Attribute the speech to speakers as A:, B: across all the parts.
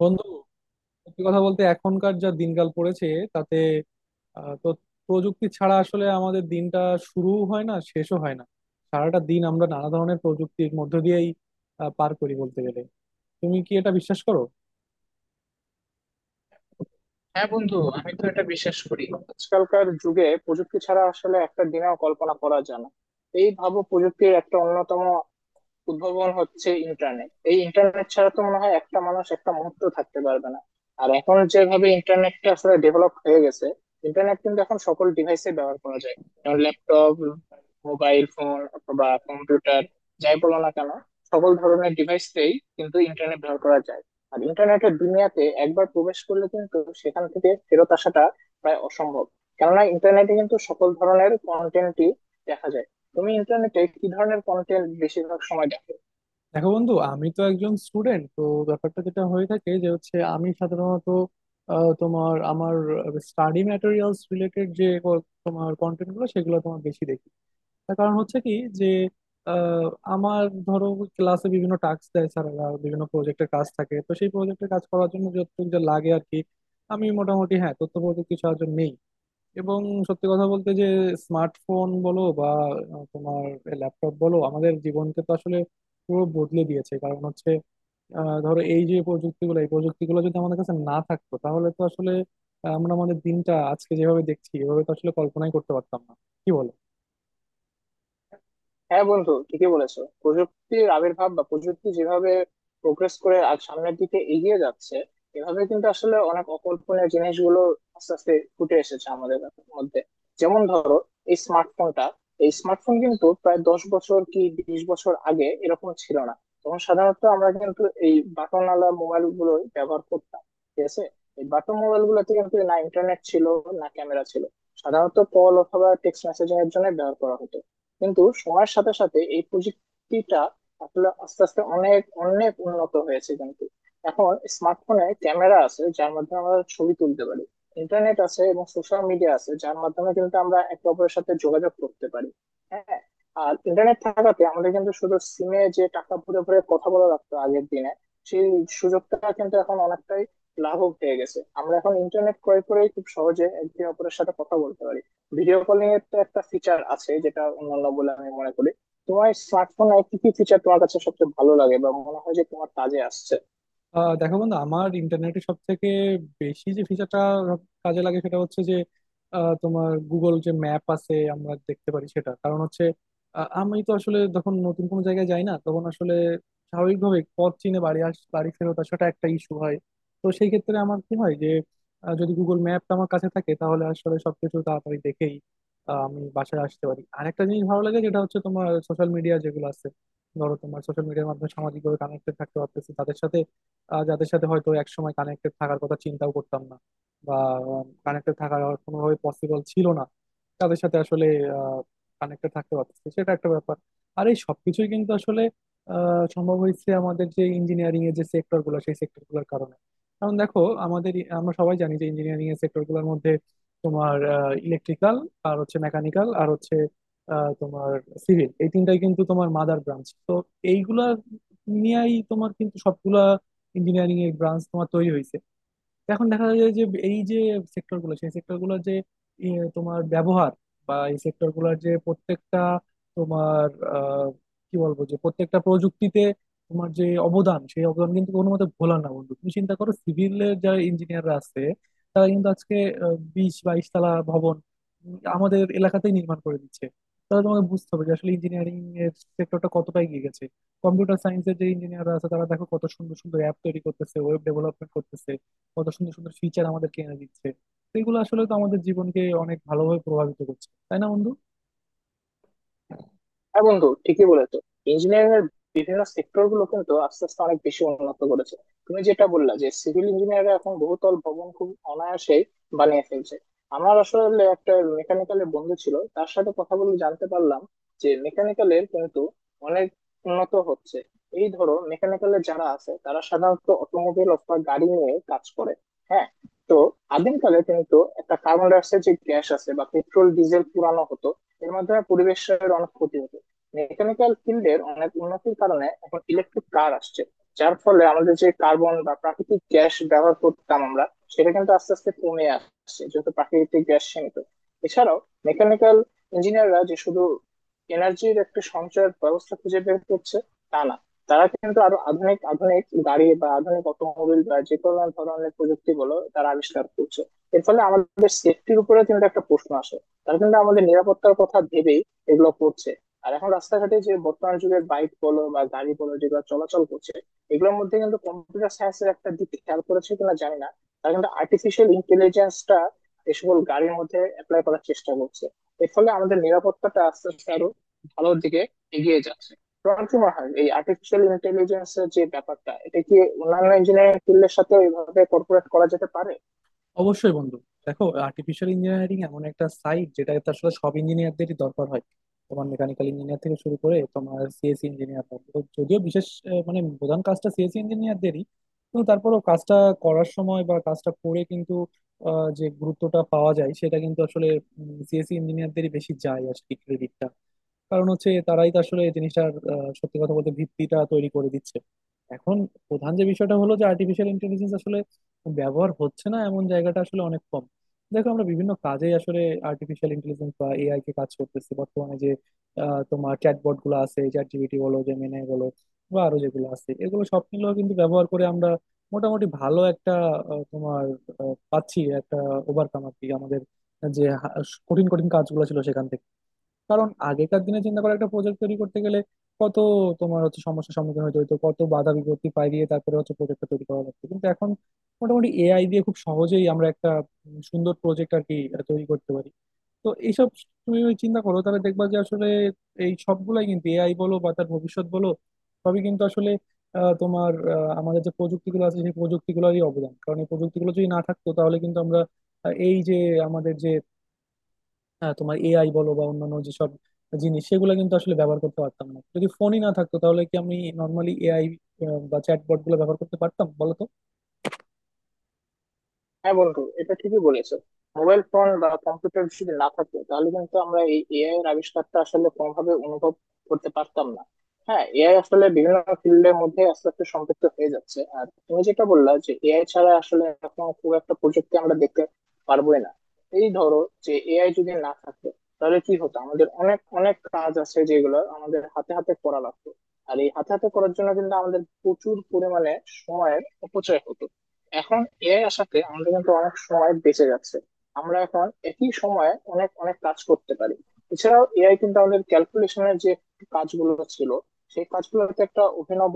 A: বন্ধু, সত্যি কথা বলতে এখনকার যা দিনকাল পড়েছে তাতে তো প্রযুক্তি ছাড়া আসলে আমাদের দিনটা শুরুও হয় না, শেষও হয় না। সারাটা দিন আমরা নানা ধরনের প্রযুক্তির মধ্য দিয়েই পার করি বলতে গেলে। তুমি কি এটা বিশ্বাস করো?
B: হ্যাঁ বন্ধু, আমি তো এটা বিশ্বাস করি। আজকালকার যুগে প্রযুক্তি ছাড়া আসলে একটা দিনেও কল্পনা করা যায় না। এই ভাবো, প্রযুক্তির একটা অন্যতম উদ্ভাবন হচ্ছে ইন্টারনেট। এই ইন্টারনেট ছাড়া তো মনে হয় একটা মানুষ একটা মুহূর্ত থাকতে পারবে না। আর এখন যেভাবে ইন্টারনেটটা আসলে ডেভেলপ হয়ে গেছে, ইন্টারনেট কিন্তু এখন সকল ডিভাইসে ব্যবহার করা যায়। যেমন ল্যাপটপ, মোবাইল ফোন অথবা কম্পিউটার, যাই বলো না কেন, সকল ধরনের ডিভাইসেই কিন্তু ইন্টারনেট ব্যবহার করা যায়। আর ইন্টারনেটের দুনিয়াতে একবার প্রবেশ করলে কিন্তু সেখান থেকে ফেরত আসাটা প্রায় অসম্ভব, কেননা ইন্টারনেটে কিন্তু সকল ধরনের কন্টেন্টই দেখা যায়। তুমি ইন্টারনেটে কি ধরনের কন্টেন্ট বেশিরভাগ সময় দেখো?
A: দেখো বন্ধু, আমি তো একজন স্টুডেন্ট। তো ব্যাপারটা যেটা হয়ে থাকে যে হচ্ছে আমি সাধারণত তোমার আমার স্টাডি ম্যাটেরিয়ালস রিলেটেড যে তোমার কন্টেন্ট গুলো, সেগুলো তোমার বেশি দেখি। তার কারণ হচ্ছে কি, যে আহ, আমার ধরো ক্লাসে বিভিন্ন টাস্ক দেয় স্যারেরা, বিভিন্ন প্রজেক্টের কাজ থাকে, তো সেই প্রজেক্টের কাজ করার জন্য যতটুকু যা লাগে আর কি, আমি মোটামুটি হ্যাঁ তথ্য প্রযুক্তির সাহায্য নেই। এবং সত্যি কথা বলতে যে স্মার্টফোন বলো বা তোমার ল্যাপটপ বলো, আমাদের জীবনকে তো আসলে পুরো বদলে দিয়েছে। কারণ হচ্ছে ধরো এই যে প্রযুক্তিগুলো, এই প্রযুক্তিগুলো যদি আমাদের কাছে না থাকতো তাহলে তো আসলে আমরা আমাদের দিনটা আজকে যেভাবে দেখছি এভাবে তো আসলে কল্পনাই করতে পারতাম না। কি বলো?
B: হ্যাঁ বন্ধু, ঠিকই বলেছো। প্রযুক্তির আবির্ভাব বা প্রযুক্তি যেভাবে প্রোগ্রেস করে আর সামনের দিকে এগিয়ে যাচ্ছে, এভাবে কিন্তু আসলে অনেক অকল্পনীয় জিনিসগুলো আস্তে আস্তে ফুটে এসেছে আমাদের মধ্যে। যেমন ধরো এই স্মার্টফোনটা। এই স্মার্টফোন কিন্তু প্রায় 10 বছর কি 20 বছর আগে এরকম ছিল না। তখন সাধারণত আমরা কিন্তু এই বাটনওয়ালা মোবাইল গুলো ব্যবহার করতাম। ঠিক আছে, এই বাটন মোবাইল গুলোতে কিন্তু না ইন্টারনেট ছিল, না ক্যামেরা ছিল। সাধারণত কল অথবা টেক্সট মেসেজিং এর জন্য ব্যবহার করা হতো। কিন্তু সময়ের সাথে সাথে এই প্রযুক্তিটা আসলে আস্তে আস্তে অনেক অনেক উন্নত হয়েছে। কিন্তু এখন স্মার্টফোনে ক্যামেরা আছে, যার মাধ্যমে আমরা ছবি তুলতে পারি। ইন্টারনেট আছে এবং সোশ্যাল মিডিয়া আছে, যার মাধ্যমে কিন্তু আমরা একে অপরের সাথে যোগাযোগ করতে পারি। হ্যাঁ, আর ইন্টারনেট থাকাতে আমাদের কিন্তু শুধু সিমে যে টাকা ভরে ভরে কথা বলা লাগতো আগের দিনে, সেই সুযোগটা কিন্তু এখন অনেকটাই লাঘব হয়ে গেছে। আমরা এখন ইন্টারনেট ক্রয় করে খুব সহজে একে অপরের সাথে কথা বলতে পারি। ভিডিও কলিং এর তো একটা ফিচার আছে, যেটা অন্যান্য বলে আমি মনে করি। তোমার স্মার্টফোন আর কি কি ফিচার তোমার কাছে সবচেয়ে ভালো লাগে বা মনে হয় যে তোমার কাজে আসছে?
A: দেখো বন্ধু, আমার ইন্টারনেটে সব থেকে বেশি যে ফিচারটা কাজে লাগে সেটা হচ্ছে যে তোমার গুগল যে ম্যাপ আছে আমরা দেখতে পারি সেটা। কারণ হচ্ছে আমি তো আসলে যখন নতুন কোনো জায়গায় যাই না তখন আসলে স্বাভাবিকভাবে পথ চিনে বাড়ি ফেরত আসাটা একটা ইস্যু হয়। তো সেই ক্ষেত্রে আমার কি হয়, যে যদি গুগল ম্যাপটা আমার কাছে থাকে তাহলে আসলে সবকিছু তাড়াতাড়ি দেখেই আমি বাসায় আসতে পারি। আরেকটা জিনিস ভালো লাগে, যেটা হচ্ছে তোমার সোশ্যাল মিডিয়া যেগুলো আছে, ধরো তোমার সোশ্যাল মিডিয়ার মাধ্যমে সামাজিকভাবে কানেক্টেড থাকতে পারতেছি তাদের সাথে, যাদের সাথে হয়তো একসময় কানেক্টেড থাকার কথা চিন্তাও করতাম না, বা কানেক্টেড থাকার আর কোনোভাবে পসিবল ছিল না, তাদের সাথে আসলে কানেক্টে থাকতে পারতেছি, সেটা একটা ব্যাপার। আর এই সবকিছুই কিন্তু আসলে সম্ভব হয়েছে আমাদের যে ইঞ্জিনিয়ারিং এর যে সেক্টর গুলো, সেই সেক্টর গুলোর কারণে। কারণ দেখো, আমাদের আমরা সবাই জানি যে ইঞ্জিনিয়ারিং এর সেক্টর গুলোর মধ্যে তোমার ইলেকট্রিক্যাল, আর হচ্ছে মেকানিক্যাল, আর হচ্ছে তোমার সিভিল, এই তিনটাই কিন্তু তোমার মাদার ব্রাঞ্চ। তো এইগুলা নিয়েই তোমার কিন্তু সবগুলা ইঞ্জিনিয়ারিং এর ব্রাঞ্চ তোমার তৈরি হয়েছে। তো এখন দেখা যায় যে এই যে সেক্টর গুলো সেই সেক্টর গুলোর যে এ, তোমার ব্যবহার, বা এই সেক্টর গুলোর যে প্রত্যেকটা তোমার আহ, কি বলবো, যে প্রত্যেকটা প্রযুক্তিতে তোমার যে অবদান, সেই অবদান কিন্তু কোনো মতে ভোলা না বন্ধু। তুমি চিন্তা করো, সিভিলের যারা ইঞ্জিনিয়াররা আছে তারা কিন্তু আজকে 20-22 তলা ভবন আমাদের এলাকাতেই নির্মাণ করে দিচ্ছে। তাহলে তোমাকে বুঝতে হবে যে আসলে ইঞ্জিনিয়ারিং এর সেক্টরটা কতটা এগিয়ে গেছে। কম্পিউটার সায়েন্সের যে ইঞ্জিনিয়াররা আছে তারা দেখো কত সুন্দর সুন্দর অ্যাপ তৈরি করতেছে, ওয়েব ডেভেলপমেন্ট করতেছে, কত সুন্দর সুন্দর ফিচার আমাদেরকে এনে দিচ্ছে। তো এগুলো আসলে তো আমাদের জীবনকে অনেক ভালোভাবে প্রভাবিত করছে, তাই না বন্ধু?
B: হ্যাঁ বন্ধু, ঠিকই বলেছো। ইঞ্জিনিয়ারিং এর বিভিন্ন সেক্টর গুলো কিন্তু আস্তে আস্তে অনেক বেশি উন্নত করেছে। তুমি যেটা বললা যে সিভিল ইঞ্জিনিয়াররা এখন বহুতল ভবন খুব অনায়াসেই বানিয়ে ফেলছে। আমার আসলে একটা মেকানিক্যালের বন্ধু ছিল, তার সাথে কথা বলে জানতে পারলাম যে মেকানিক্যালের কিন্তু অনেক উন্নত হচ্ছে। এই ধরো, মেকানিক্যালের যারা আছে তারা সাধারণত অটোমোবাইল অথবা গাড়ি নিয়ে কাজ করে। হ্যাঁ, তো আদিমকালে কিন্তু একটা কার্বন ডাইঅক্সাইড যে গ্যাস আছে বা পেট্রোল ডিজেল পুরানো হতো, এর মাধ্যমে পরিবেশের অনেক ক্ষতি হতো। মেকানিক্যাল ফিল্ডের অনেক উন্নতির কারণে এখন ইলেকট্রিক কার আসছে, যার ফলে আমাদের যে কার্বন বা প্রাকৃতিক গ্যাস ব্যবহার করতাম আমরা, সেটা কিন্তু আস্তে আস্তে কমে আসছে, যেহেতু প্রাকৃতিক গ্যাস সীমিত। এছাড়াও মেকানিক্যাল ইঞ্জিনিয়াররা যে শুধু এনার্জির একটা সঞ্চয়ের ব্যবস্থা খুঁজে বের করছে তা না, তারা কিন্তু আরো আধুনিক আধুনিক গাড়ি বা আধুনিক অটোমোবিল বা যে কোনো ধরনের প্রযুক্তি বলো তারা আবিষ্কার করছে। এর ফলে আমাদের সেফটির উপরে কিন্তু একটা প্রশ্ন আসে। তারা কিন্তু আমাদের নিরাপত্তার কথা ভেবেই এগুলো করছে। আর এখন রাস্তাঘাটে যে বর্তমান যুগের বাইক বলো বা গাড়ি বলো যেগুলো চলাচল করছে, এগুলোর মধ্যে কিন্তু কম্পিউটার সায়েন্সের একটা দিক খেয়াল করেছে কিনা জানি না, তারা কিন্তু আর্টিফিশিয়াল ইন্টেলিজেন্সটা এই সকল গাড়ির মধ্যে অ্যাপ্লাই করার চেষ্টা করছে। এর ফলে আমাদের নিরাপত্তাটা আস্তে আস্তে আরো ভালোর দিকে এগিয়ে যাচ্ছে। তোমার কি মনে হয় এই আর্টিফিশিয়াল ইন্টেলিজেন্স এর যে ব্যাপারটা, এটা কি অন্যান্য ইঞ্জিনিয়ারিং ফিল্ডের সাথে এভাবে কর্পোরেট করা যেতে পারে?
A: অবশ্যই বন্ধু। দেখো, আর্টিফিশিয়াল ইঞ্জিনিয়ারিং এমন একটা সাইড যেটা আসলে সব ইঞ্জিনিয়ারদেরই দরকার হয়, তোমার মেকানিক্যাল ইঞ্জিনিয়ার থেকে শুরু করে তোমার সিএসসি ইঞ্জিনিয়ার। যদিও বিশেষ মানে প্রধান কাজটা সিএসসি ইঞ্জিনিয়ারদেরই, কিন্তু তারপরেও কাজটা করার সময় বা কাজটা করে কিন্তু যে গুরুত্বটা পাওয়া যায় সেটা কিন্তু আসলে সিএসসি ইঞ্জিনিয়ারদেরই বেশি যায় আর কি, ক্রেডিটটা। কারণ হচ্ছে তারাই তো আসলে এই জিনিসটার সত্যি কথা বলতে ভিত্তিটা তৈরি করে দিচ্ছে। এখন প্রধান যে বিষয়টা হলো যে আর্টিফিশিয়াল ইন্টেলিজেন্স আসলে ব্যবহার হচ্ছে না এমন জায়গাটা আসলে অনেক কম। দেখো আমরা বিভিন্ন কাজে আসলে আর্টিফিশিয়াল ইন্টেলিজেন্স বা এআই কে কাজ করতেছি, বর্তমানে যে তোমার চ্যাটবট গুলো আছে, চ্যাট জিপিটি বলো, জেমিনাই বলো, বা আরো যেগুলো আছে, এগুলো সব মিলেও কিন্তু ব্যবহার করে আমরা মোটামুটি ভালো একটা আহ, তোমার পাচ্ছি, একটা ওভারকাম আর কি আমাদের যে কঠিন কঠিন কাজগুলো ছিল সেখান থেকে। কারণ আগেকার দিনে চিন্তা করে একটা প্রজেক্ট তৈরি করতে গেলে কত তোমার হচ্ছে সমস্যার সম্মুখীন হতে হতো, কত বাধা বিপত্তি পাইয়ে তারপরে হচ্ছে প্রজেক্টটা তৈরি করা লাগতো, কিন্তু এখন মোটামুটি এআই দিয়ে খুব সহজেই আমরা একটা সুন্দর প্রজেক্ট আর কি তৈরি করতে পারি। তো এইসব তুমি ওই চিন্তা করো তাহলে দেখবা যে আসলে এই সবগুলাই কিন্তু এআই বলো বা তার ভবিষ্যৎ বলো, সবই কিন্তু আসলে আমাদের যে প্রযুক্তিগুলো আছে সেই প্রযুক্তিগুলোরই অবদান। কারণ এই প্রযুক্তিগুলো যদি না থাকতো তাহলে কিন্তু আমরা এই যে আমাদের যে হ্যাঁ তোমার এআই বলো বা অন্যান্য যেসব জিনিস, সেগুলো কিন্তু আসলে ব্যবহার করতে পারতাম না। যদি ফোনই না থাকতো তাহলে কি আমি নর্মালি এআই বা চ্যাটবট গুলো ব্যবহার করতে পারতাম বলো তো?
B: হ্যাঁ বন্ধু, এটা ঠিকই বলেছো। মোবাইল ফোন বা কম্পিউটার যদি না থাকতো তাহলে কিন্তু আমরা এই এআই এর আবিষ্কারটা আসলে কোনোভাবে অনুভব করতে পারতাম না। হ্যাঁ, এআই আসলে বিভিন্ন ফিল্ডের মধ্যে আস্তে আস্তে সম্পৃক্ত হয়ে যাচ্ছে। আর তুমি যেটা বললা যে এআই ছাড়া আসলে এখন খুব একটা প্রযুক্তি আমরা দেখতে পারবোই না। এই ধরো, যে এআই যদি না থাকতো, তাহলে কি হতো? আমাদের অনেক অনেক কাজ আছে যেগুলো আমাদের হাতে হাতে করা লাগতো, আর এই হাতে হাতে করার জন্য কিন্তু আমাদের প্রচুর পরিমাণে সময়ের অপচয় হতো। এখন এআই আসাতে আমাদের কিন্তু অনেক সময় বেঁচে যাচ্ছে। আমরা এখন একই সময়ে অনেক অনেক কাজ করতে পারি। এছাড়াও এআই কিন্তু আমাদের ক্যালকুলেশনের যে কাজগুলো ছিল, সেই কাজগুলোতে একটা অভিনব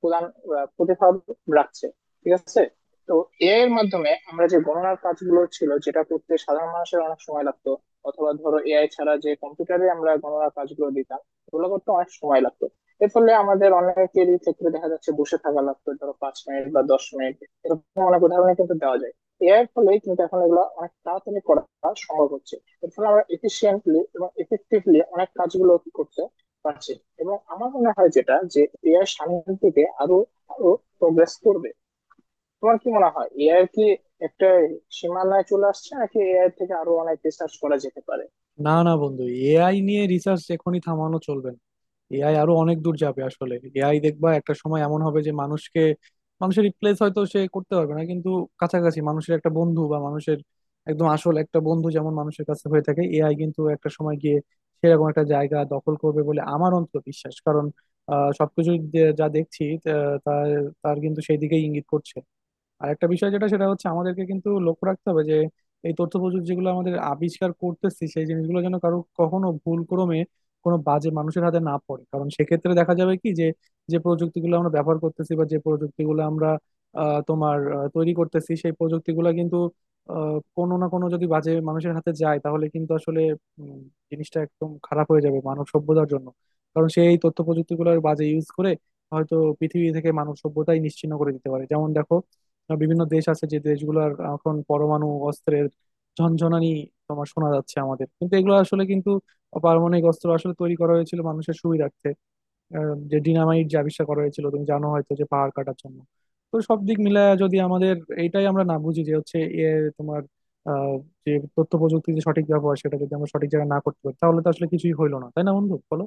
B: প্রতিভাব রাখছে। ঠিক আছে, তো এআই এর মাধ্যমে আমরা যে গণনার কাজগুলো ছিল, যেটা করতে সাধারণ মানুষের অনেক সময় লাগতো, অথবা ধরো এআই ছাড়া যে কম্পিউটারে আমরা গণনার কাজগুলো দিতাম, ওগুলো করতে অনেক সময় লাগতো। এর ফলে আমাদের অনেকেরই ক্ষেত্রে দেখা যাচ্ছে বসে থাকা লাগতো ধরো 5 মিনিট বা 10 মিনিট। এরকম অনেক উদাহরণ কিন্তু দেওয়া যায়। এর ফলে কিন্তু এখন এগুলো অনেক তাড়াতাড়ি করা সম্ভব হচ্ছে। এর ফলে আমরা এফিসিয়েন্টলি এবং এফেক্টিভলি অনেক কাজগুলো করতে পারছি। এবং আমার মনে হয় যেটা, যে এআই সামনের দিকে আরো আরো প্রোগ্রেস করবে। তোমার কি মনে হয় এআই কি একটা সীমানায় চলে আসছে, নাকি এআই থেকে আরো অনেক রিসার্চ করা যেতে পারে?
A: না, না বন্ধু, এআই নিয়ে রিসার্চ এখনই থামানো চলবে না। এআই আরো অনেক দূর যাবে। আসলে এআই দেখবা একটা সময় এমন হবে যে মানুষকে, মানুষের রিপ্লেস হয়তো সে করতে পারবে না, কিন্তু কাছাকাছি মানুষের একটা বন্ধু বা মানুষের একদম আসল একটা বন্ধু যেমন মানুষের কাছে হয়ে থাকে, এআই কিন্তু একটা সময় গিয়ে সেরকম একটা জায়গা দখল করবে বলে আমার অন্তত বিশ্বাস। কারণ সবকিছু যা দেখছি তা- তার তার কিন্তু সেই দিকেই ইঙ্গিত করছে। আর একটা বিষয় যেটা, সেটা হচ্ছে আমাদেরকে কিন্তু লক্ষ্য রাখতে হবে যে এই তথ্য প্রযুক্তি যেগুলো আমাদের আবিষ্কার করতেছি, সেই জিনিসগুলো যেন কারো কখনো ভুল ক্রমে কোনো বাজে মানুষের হাতে না পড়ে। কারণ সেক্ষেত্রে দেখা যাবে কি, যে যে প্রযুক্তিগুলো আমরা ব্যবহার করতেছি বা যে প্রযুক্তিগুলো আমরা তৈরি করতেছি, সেই প্রযুক্তিগুলো কিন্তু কোনো না কোনো, যদি বাজে মানুষের হাতে যায় তাহলে কিন্তু আসলে উম, জিনিসটা একদম খারাপ হয়ে যাবে মানব সভ্যতার জন্য। কারণ সেই তথ্য প্রযুক্তিগুলোর বাজে ইউজ করে হয়তো পৃথিবী থেকে মানব সভ্যতাই নিশ্চিহ্ন করে দিতে পারে। যেমন দেখো, বিভিন্ন দেশ আছে যে দেশগুলোর এখন পরমাণু অস্ত্রের ঝনঝনানি তোমার শোনা যাচ্ছে। আমাদের কিন্তু এগুলো আসলে কিন্তু পারমাণবিক অস্ত্র আসলে তৈরি করা হয়েছিল মানুষের সুবিধার্থে। যে ডিনামাইট যে আবিষ্কার করা হয়েছিল তুমি জানো হয়তো, যে পাহাড় কাটার জন্য। তো সব দিক মিলায় যদি আমাদের এইটাই আমরা না বুঝি যে হচ্ছে এ তোমার আহ, যে তথ্য প্রযুক্তির যে সঠিক ব্যবহার, সেটা যদি আমরা সঠিক জায়গায় না করতে পারি তাহলে তো আসলে কিছুই হইলো না, তাই না বন্ধু, বলো।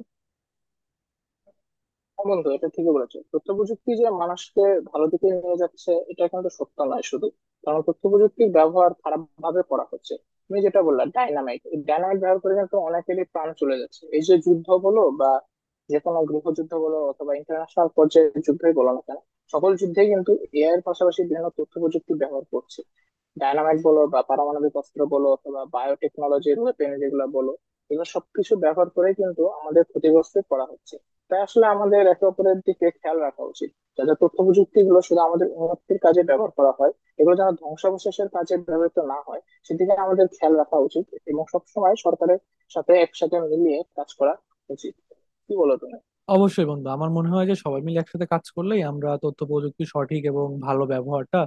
B: হ্যাঁ বন্ধু, এটা ঠিকই বলেছো। তথ্য প্রযুক্তি যে মানুষকে ভালো দিকে নিয়ে যাচ্ছে এটা কিন্তু সত্য নয় শুধু, কারণ তথ্য প্রযুক্তির ব্যবহার খারাপ ভাবে করা হচ্ছে। তুমি যেটা বললা ডাইনামাইট, এই ডাইনামাইট ব্যবহার করে কিন্তু অনেকেরই প্রাণ চলে যাচ্ছে। এই যে যুদ্ধ বলো বা যে কোনো গৃহযুদ্ধ বলো অথবা ইন্টারন্যাশনাল পর্যায়ে যুদ্ধই বলো না কেন, সকল যুদ্ধে কিন্তু এআই এর পাশাপাশি বিভিন্ন তথ্য প্রযুক্তি ব্যবহার করছে। ডায়নামাইট বলো বা পারমাণবিক অস্ত্র বলো অথবা বায়োটেকনোলজির ওয়েপেন যেগুলো বলো, এগুলো সবকিছু ব্যবহার করে কিন্তু আমাদের ক্ষতিগ্রস্ত করা হচ্ছে। তাই আসলে আমাদের একে অপরের দিকে খেয়াল রাখা উচিত, যাতে তথ্য প্রযুক্তি গুলো শুধু আমাদের উন্নতির কাজে ব্যবহার করা হয়, এগুলো যেন ধ্বংসাবশেষের কাজে ব্যবহৃত না হয়। সেদিকে আমাদের খেয়াল রাখা উচিত এবং সবসময় সরকারের সাথে একসাথে মিলিয়ে কাজ করা উচিত। কি বলো তুমি?
A: অবশ্যই বন্ধু, আমার মনে হয় যে সবাই মিলে একসাথে কাজ করলেই আমরা তথ্য প্রযুক্তির সঠিক এবং ভালো ব্যবহারটা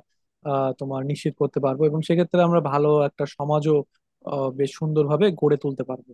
A: তোমার নিশ্চিত করতে পারবো, এবং সেক্ষেত্রে আমরা ভালো একটা সমাজও বেশ সুন্দরভাবে গড়ে তুলতে পারবো।